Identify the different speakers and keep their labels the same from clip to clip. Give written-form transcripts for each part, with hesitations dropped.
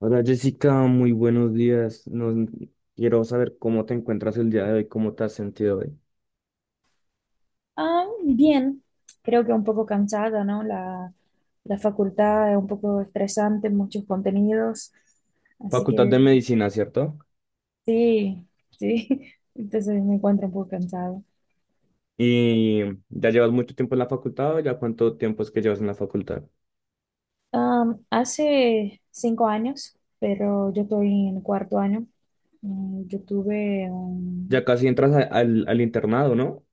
Speaker 1: Hola Jessica, muy buenos días. Nos, quiero saber cómo te encuentras el día de hoy, cómo te has sentido hoy.
Speaker 2: Ah, bien, creo que un poco cansada, ¿no? La facultad es un poco estresante, muchos contenidos, así
Speaker 1: Facultad de
Speaker 2: que
Speaker 1: Medicina, ¿cierto?
Speaker 2: sí, sí, entonces me encuentro un poco cansada.
Speaker 1: ¿Y ya llevas mucho tiempo en la facultad o ya cuánto tiempo es que llevas en la facultad?
Speaker 2: Hace 5 años, pero yo estoy en cuarto año, yo tuve
Speaker 1: Ya
Speaker 2: un...
Speaker 1: casi entras al internado, ¿no?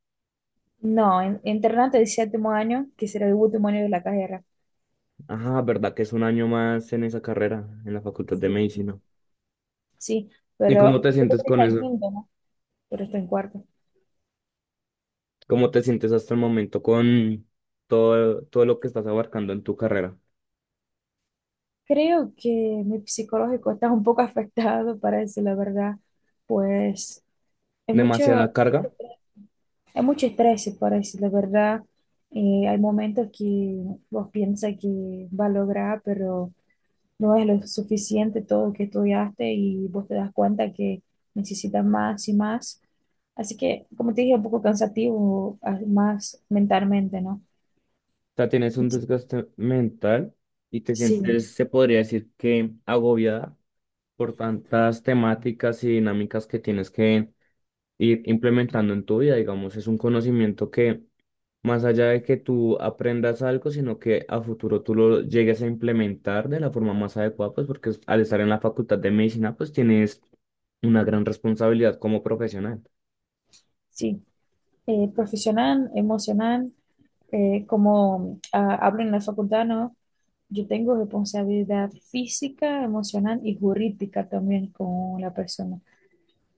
Speaker 2: No, internato de séptimo año, que será el último año de la carrera.
Speaker 1: Ajá, ¿verdad que es un año más en esa carrera, en la Facultad de
Speaker 2: Sí,
Speaker 1: Medicina?
Speaker 2: sí,
Speaker 1: ¿Y cómo
Speaker 2: pero
Speaker 1: te
Speaker 2: tú creo
Speaker 1: sientes con
Speaker 2: está en
Speaker 1: eso?
Speaker 2: quinto, ¿no? Pero está en cuarto.
Speaker 1: ¿Cómo te sientes hasta el momento con todo lo que estás abarcando en tu carrera?
Speaker 2: Creo que mi psicológico está un poco afectado, para decir la verdad, pues hay mucho,
Speaker 1: ¿Demasiada carga?
Speaker 2: hay mucho estrés, para decir la verdad. Hay momentos que vos piensas que va a lograr, pero no es lo suficiente todo lo que estudiaste y vos te das cuenta que necesitas más y más. Así que, como te dije, un poco cansativo, más mentalmente, ¿no?
Speaker 1: Sea, tienes un
Speaker 2: Sí,
Speaker 1: desgaste mental y te
Speaker 2: sí,
Speaker 1: sientes, se podría decir que agobiada por tantas temáticas y dinámicas que tienes que ir implementando en tu vida. Digamos, es un conocimiento que más allá de que tú aprendas algo, sino que a futuro tú lo llegues a implementar de la forma más adecuada, pues porque al estar en la facultad de medicina, pues tienes una gran responsabilidad como profesional.
Speaker 2: sí. Profesional, emocional. Como hablo en la facultad, ¿no? Yo tengo responsabilidad física, emocional y jurídica también con la persona.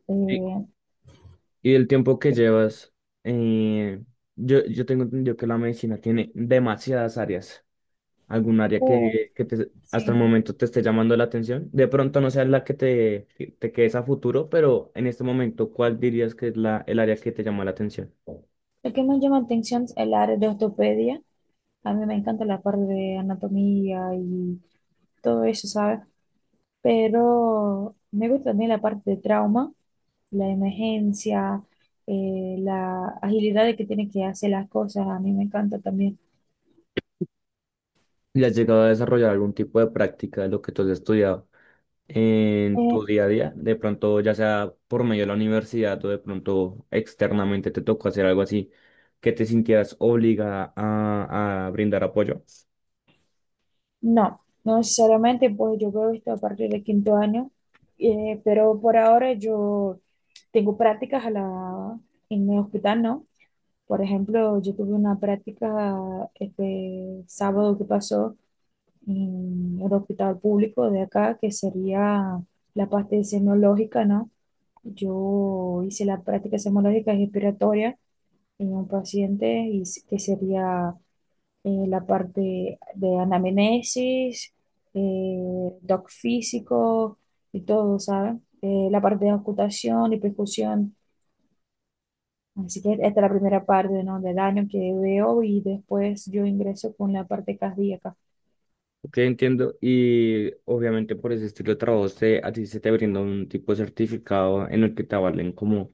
Speaker 2: Eh,
Speaker 1: Y el tiempo que llevas, eh, yo tengo entendido que la medicina tiene demasiadas áreas. ¿Algún área
Speaker 2: oh,
Speaker 1: que te- hasta el
Speaker 2: sí.
Speaker 1: momento te esté llamando la atención? De pronto no sea la que te quedes a futuro, pero en este momento, ¿cuál dirías que es la, el área que te llama la atención?
Speaker 2: Lo que me llama la atención es el área de ortopedia. A mí me encanta la parte de anatomía y todo eso, ¿sabes? Pero me gusta también la parte de trauma, la emergencia, la agilidad de que tiene que hacer las cosas. A mí me encanta también.
Speaker 1: ¿Y has llegado a desarrollar algún tipo de práctica de lo que tú has estudiado en tu
Speaker 2: Eh,
Speaker 1: día a día, de pronto ya sea por medio de la universidad o de pronto externamente te tocó hacer algo así, que te sintieras obligada a brindar apoyo?
Speaker 2: No, no necesariamente, pues yo veo esto a partir de quinto año, pero por ahora yo tengo prácticas en el hospital, ¿no? Por ejemplo, yo tuve una práctica este sábado que pasó en el hospital público de acá, que sería la parte semológica, ¿no? Yo hice la práctica semológica respiratoria en un paciente y que sería, la parte de anamnesis, doc físico y todo, ¿saben? La parte de ocultación y percusión. Así que esta es la primera parte, ¿no?, del año que veo y después yo ingreso con la parte cardíaca.
Speaker 1: Te entiendo y obviamente por ese estilo de trabajo se- a ti se te brinda un tipo de certificado en el que te avalen como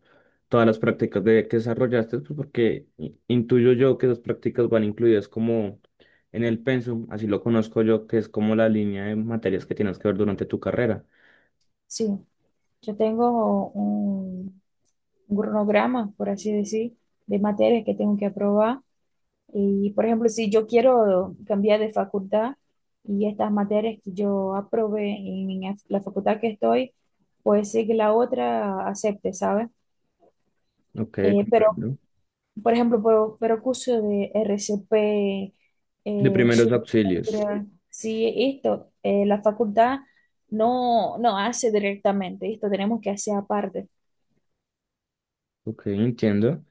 Speaker 1: todas las prácticas de, que desarrollaste, pues porque i- intuyo yo que esas prácticas van incluidas como en el pensum, así lo conozco yo, que es como la línea de materias que tienes que ver durante tu carrera.
Speaker 2: Sí, yo tengo un cronograma, por así decir, de materias que tengo que aprobar. Y, por ejemplo, si yo quiero cambiar de facultad y estas materias que yo aprobé en la facultad que estoy, pues sí que la otra acepte, ¿sabes?
Speaker 1: Ok,
Speaker 2: Pero,
Speaker 1: comprendo.
Speaker 2: por ejemplo, pero curso de RCP,
Speaker 1: De primeros auxilios.
Speaker 2: Sutura, sí, esto, la facultad no, no hace directamente, esto tenemos que hacer aparte.
Speaker 1: Ok, entiendo.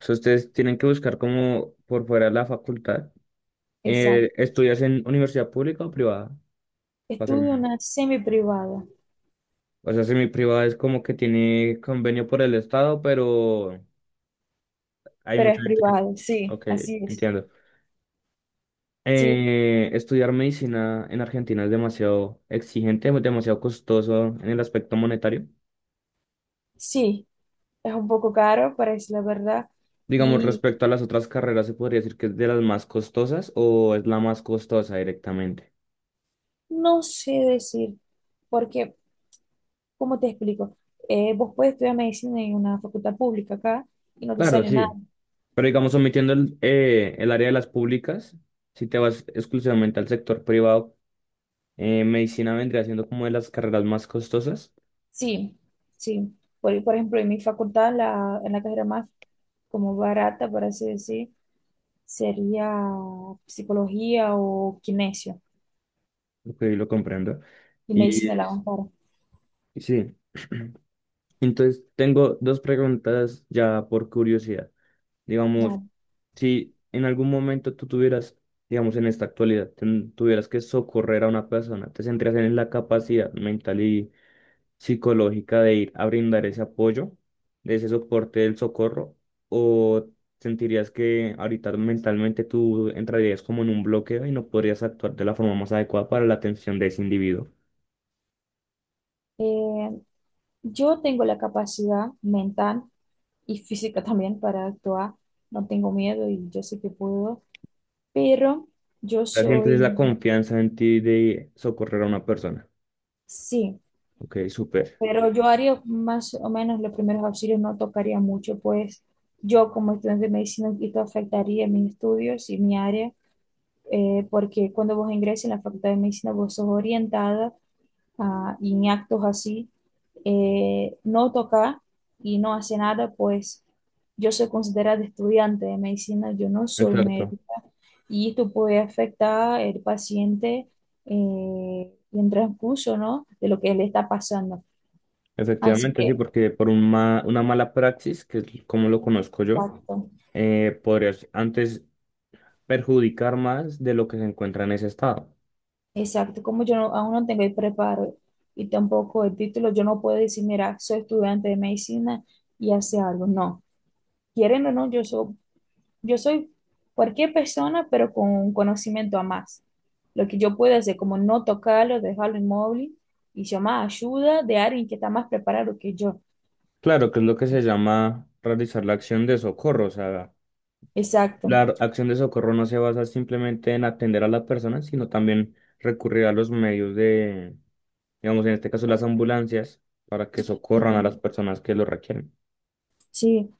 Speaker 1: O sea, ustedes tienen que buscar como por fuera de la facultad.
Speaker 2: Exacto.
Speaker 1: ¿Estudias en universidad pública o privada? Para ser
Speaker 2: Estudio
Speaker 1: honesto.
Speaker 2: una semi privada,
Speaker 1: O sea, semi-privada es como que tiene convenio por el Estado, pero hay
Speaker 2: pero
Speaker 1: mucha
Speaker 2: es
Speaker 1: gente que...
Speaker 2: privada, sí,
Speaker 1: Ok,
Speaker 2: así es.
Speaker 1: entiendo.
Speaker 2: Sí,
Speaker 1: Estudiar medicina en Argentina es demasiado exigente, es demasiado costoso en el aspecto monetario.
Speaker 2: sí, es un poco caro, parece la verdad.
Speaker 1: Digamos,
Speaker 2: Y
Speaker 1: respecto a las otras carreras, ¿se podría decir que es de las más costosas o es la más costosa directamente?
Speaker 2: no sé decir, porque, ¿cómo te explico? Vos puedes estudiar medicina en una facultad pública acá y no te
Speaker 1: Claro,
Speaker 2: sale nada.
Speaker 1: sí, pero digamos, omitiendo el área de las públicas, si te vas exclusivamente al sector privado, medicina vendría siendo como de las carreras más costosas,
Speaker 2: Sí, sí. Por ejemplo, en mi facultad, en la carrera más como barata, por así decir, sería psicología o kinesio
Speaker 1: ok, lo comprendo.
Speaker 2: y
Speaker 1: Y
Speaker 2: medicina de la
Speaker 1: es-
Speaker 2: más cara.
Speaker 1: sí, entonces tengo dos preguntas ya por curiosidad. Digamos,
Speaker 2: Claro.
Speaker 1: si en algún momento tú tuvieras, digamos, en esta actualidad, ten- tuvieras que socorrer a una persona, ¿te centrarías en la capacidad mental y psicológica de ir a brindar ese apoyo, de ese soporte del socorro, o sentirías que ahorita mentalmente tú entrarías como en un bloqueo y no podrías actuar de la forma más adecuada para la atención de ese individuo?
Speaker 2: Eh, yo tengo la capacidad mental y física también para actuar. No tengo miedo y yo sé que puedo, pero yo
Speaker 1: La gente es
Speaker 2: soy,
Speaker 1: la confianza en ti de socorrer a una persona.
Speaker 2: sí,
Speaker 1: Ok, súper.
Speaker 2: pero yo haría más o menos los primeros auxilios, no tocaría mucho, pues yo como estudiante de medicina esto afectaría mis estudios y mi área, porque cuando vos ingreses en la facultad de medicina vos sos orientada a, y en actos así, no tocar y no hacer nada, pues yo soy considerada estudiante de medicina, yo no soy médico.
Speaker 1: Exacto.
Speaker 2: Y esto puede afectar al paciente, y en transcurso, ¿no?, de lo que le está pasando. Así
Speaker 1: Efectivamente, sí,
Speaker 2: que,
Speaker 1: porque por un ma- una mala praxis, que es como lo conozco yo,
Speaker 2: exacto,
Speaker 1: podrías antes perjudicar más de lo que se encuentra en ese estado.
Speaker 2: exacto. Como yo aún no tengo el preparo y tampoco el título, yo no puedo decir, mira, soy estudiante de medicina y hace algo. No, quieren o no, yo soy cualquier persona, pero con un conocimiento a más. Lo que yo puedo hacer, como no tocarlo, dejarlo inmóvil y llamar ayuda de alguien que está más preparado que yo.
Speaker 1: Claro, que es lo que se llama realizar la acción de socorro. O sea,
Speaker 2: Exacto.
Speaker 1: la ar- acción de socorro no se basa simplemente en atender a las personas, sino también recurrir a los medios de, digamos, en este caso las ambulancias, para que socorran a las
Speaker 2: Sí.
Speaker 1: personas que lo requieren.
Speaker 2: Sí,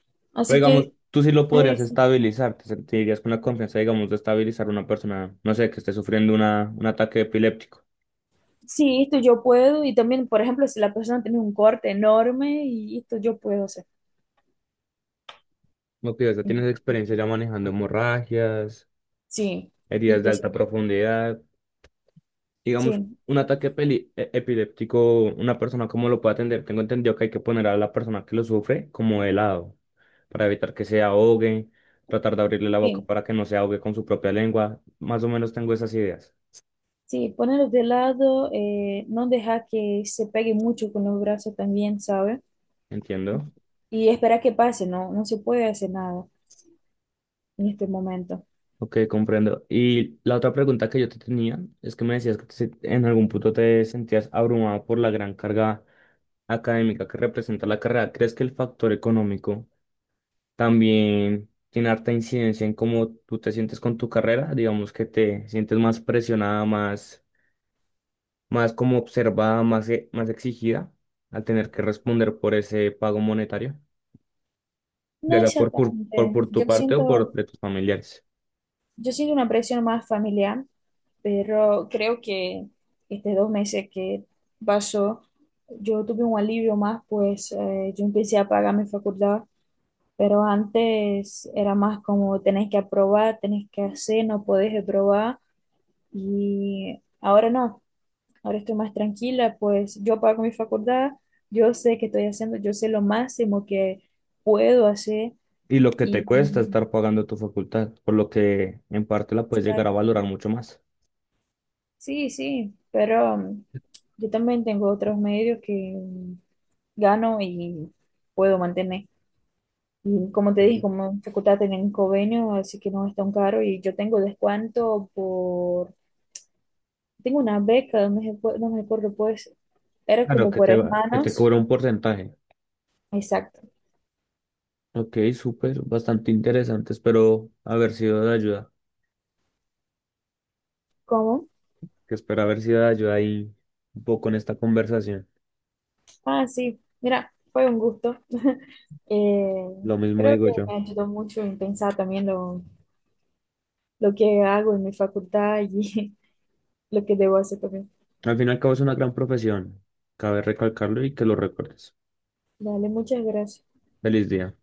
Speaker 1: Pero
Speaker 2: así
Speaker 1: digamos,
Speaker 2: que
Speaker 1: tú sí lo podrías
Speaker 2: sí,
Speaker 1: estabilizar, te sentirías con la confianza, digamos, de estabilizar a una persona, no sé, que esté sufriendo una, un ataque epiléptico.
Speaker 2: sí, esto yo puedo y también, por ejemplo, si la persona tiene un corte enorme y esto yo puedo hacer.
Speaker 1: Lo que ya tienes experiencia ya manejando hemorragias,
Speaker 2: Sí,
Speaker 1: heridas de
Speaker 2: esto sí,
Speaker 1: alta profundidad. Digamos,
Speaker 2: sí,
Speaker 1: un ataque peli- e- epiléptico, una persona cómo lo puede atender. Tengo entendido que hay que poner a la persona que lo sufre como de lado para evitar que se ahogue, tratar de abrirle la boca
Speaker 2: sí,
Speaker 1: para que no se ahogue con su propia lengua. Más o menos tengo esas ideas.
Speaker 2: sí, ponerlo de lado, no dejar que se pegue mucho con los brazos también, ¿sabes?
Speaker 1: Entiendo.
Speaker 2: Y esperar que pase, no, no se puede hacer nada en este momento.
Speaker 1: Ok, comprendo. Y la otra pregunta que yo te tenía es que me decías que te se- en algún punto te sentías abrumado por la gran carga académica que representa la carrera. ¿Crees que el factor económico también tiene harta incidencia en cómo tú te sientes con tu carrera, digamos que te sientes más presionada, más, más como observada, más, e- más exigida al tener que responder por ese pago monetario, ya
Speaker 2: No
Speaker 1: sea por, por, por,
Speaker 2: exactamente,
Speaker 1: por tu parte o por de tus familiares?
Speaker 2: yo siento una presión más familiar, pero creo que estos 2 meses que pasó, yo tuve un alivio más, pues yo empecé a pagar mi facultad, pero antes era más como tenés que aprobar, tenés que hacer, no podés reprobar, y ahora no, ahora estoy más tranquila, pues yo pago mi facultad, yo sé que estoy haciendo, yo sé lo máximo que puedo hacer,
Speaker 1: Y lo que
Speaker 2: y
Speaker 1: te cuesta estar pagando tu facultad, por lo que en parte la puedes llegar a
Speaker 2: exacto.
Speaker 1: valorar mucho más.
Speaker 2: Sí, sí, pero yo también tengo otros medios que gano y puedo mantener. Y como te dije,
Speaker 1: Sí.
Speaker 2: como en facultad tienen convenio, así que no es tan caro y yo tengo descuento por, tengo una beca, no me, no me acuerdo, pues, era
Speaker 1: Claro
Speaker 2: como
Speaker 1: que
Speaker 2: por
Speaker 1: te va, que te
Speaker 2: hermanos.
Speaker 1: cobra un porcentaje.
Speaker 2: Exacto.
Speaker 1: Ok, súper, bastante interesante. Espero haber sido de ayuda.
Speaker 2: ¿Cómo?
Speaker 1: Que espero haber sido de ayuda ahí un poco en esta conversación.
Speaker 2: Ah, sí, mira, fue un gusto. Eh,
Speaker 1: Lo mismo
Speaker 2: creo
Speaker 1: digo
Speaker 2: que
Speaker 1: yo.
Speaker 2: me ayudó mucho en pensar también lo que hago en mi facultad y lo que debo hacer también.
Speaker 1: Al fin y al cabo es una gran profesión, cabe recalcarlo y que lo recuerdes.
Speaker 2: Dale, muchas gracias.
Speaker 1: Feliz día.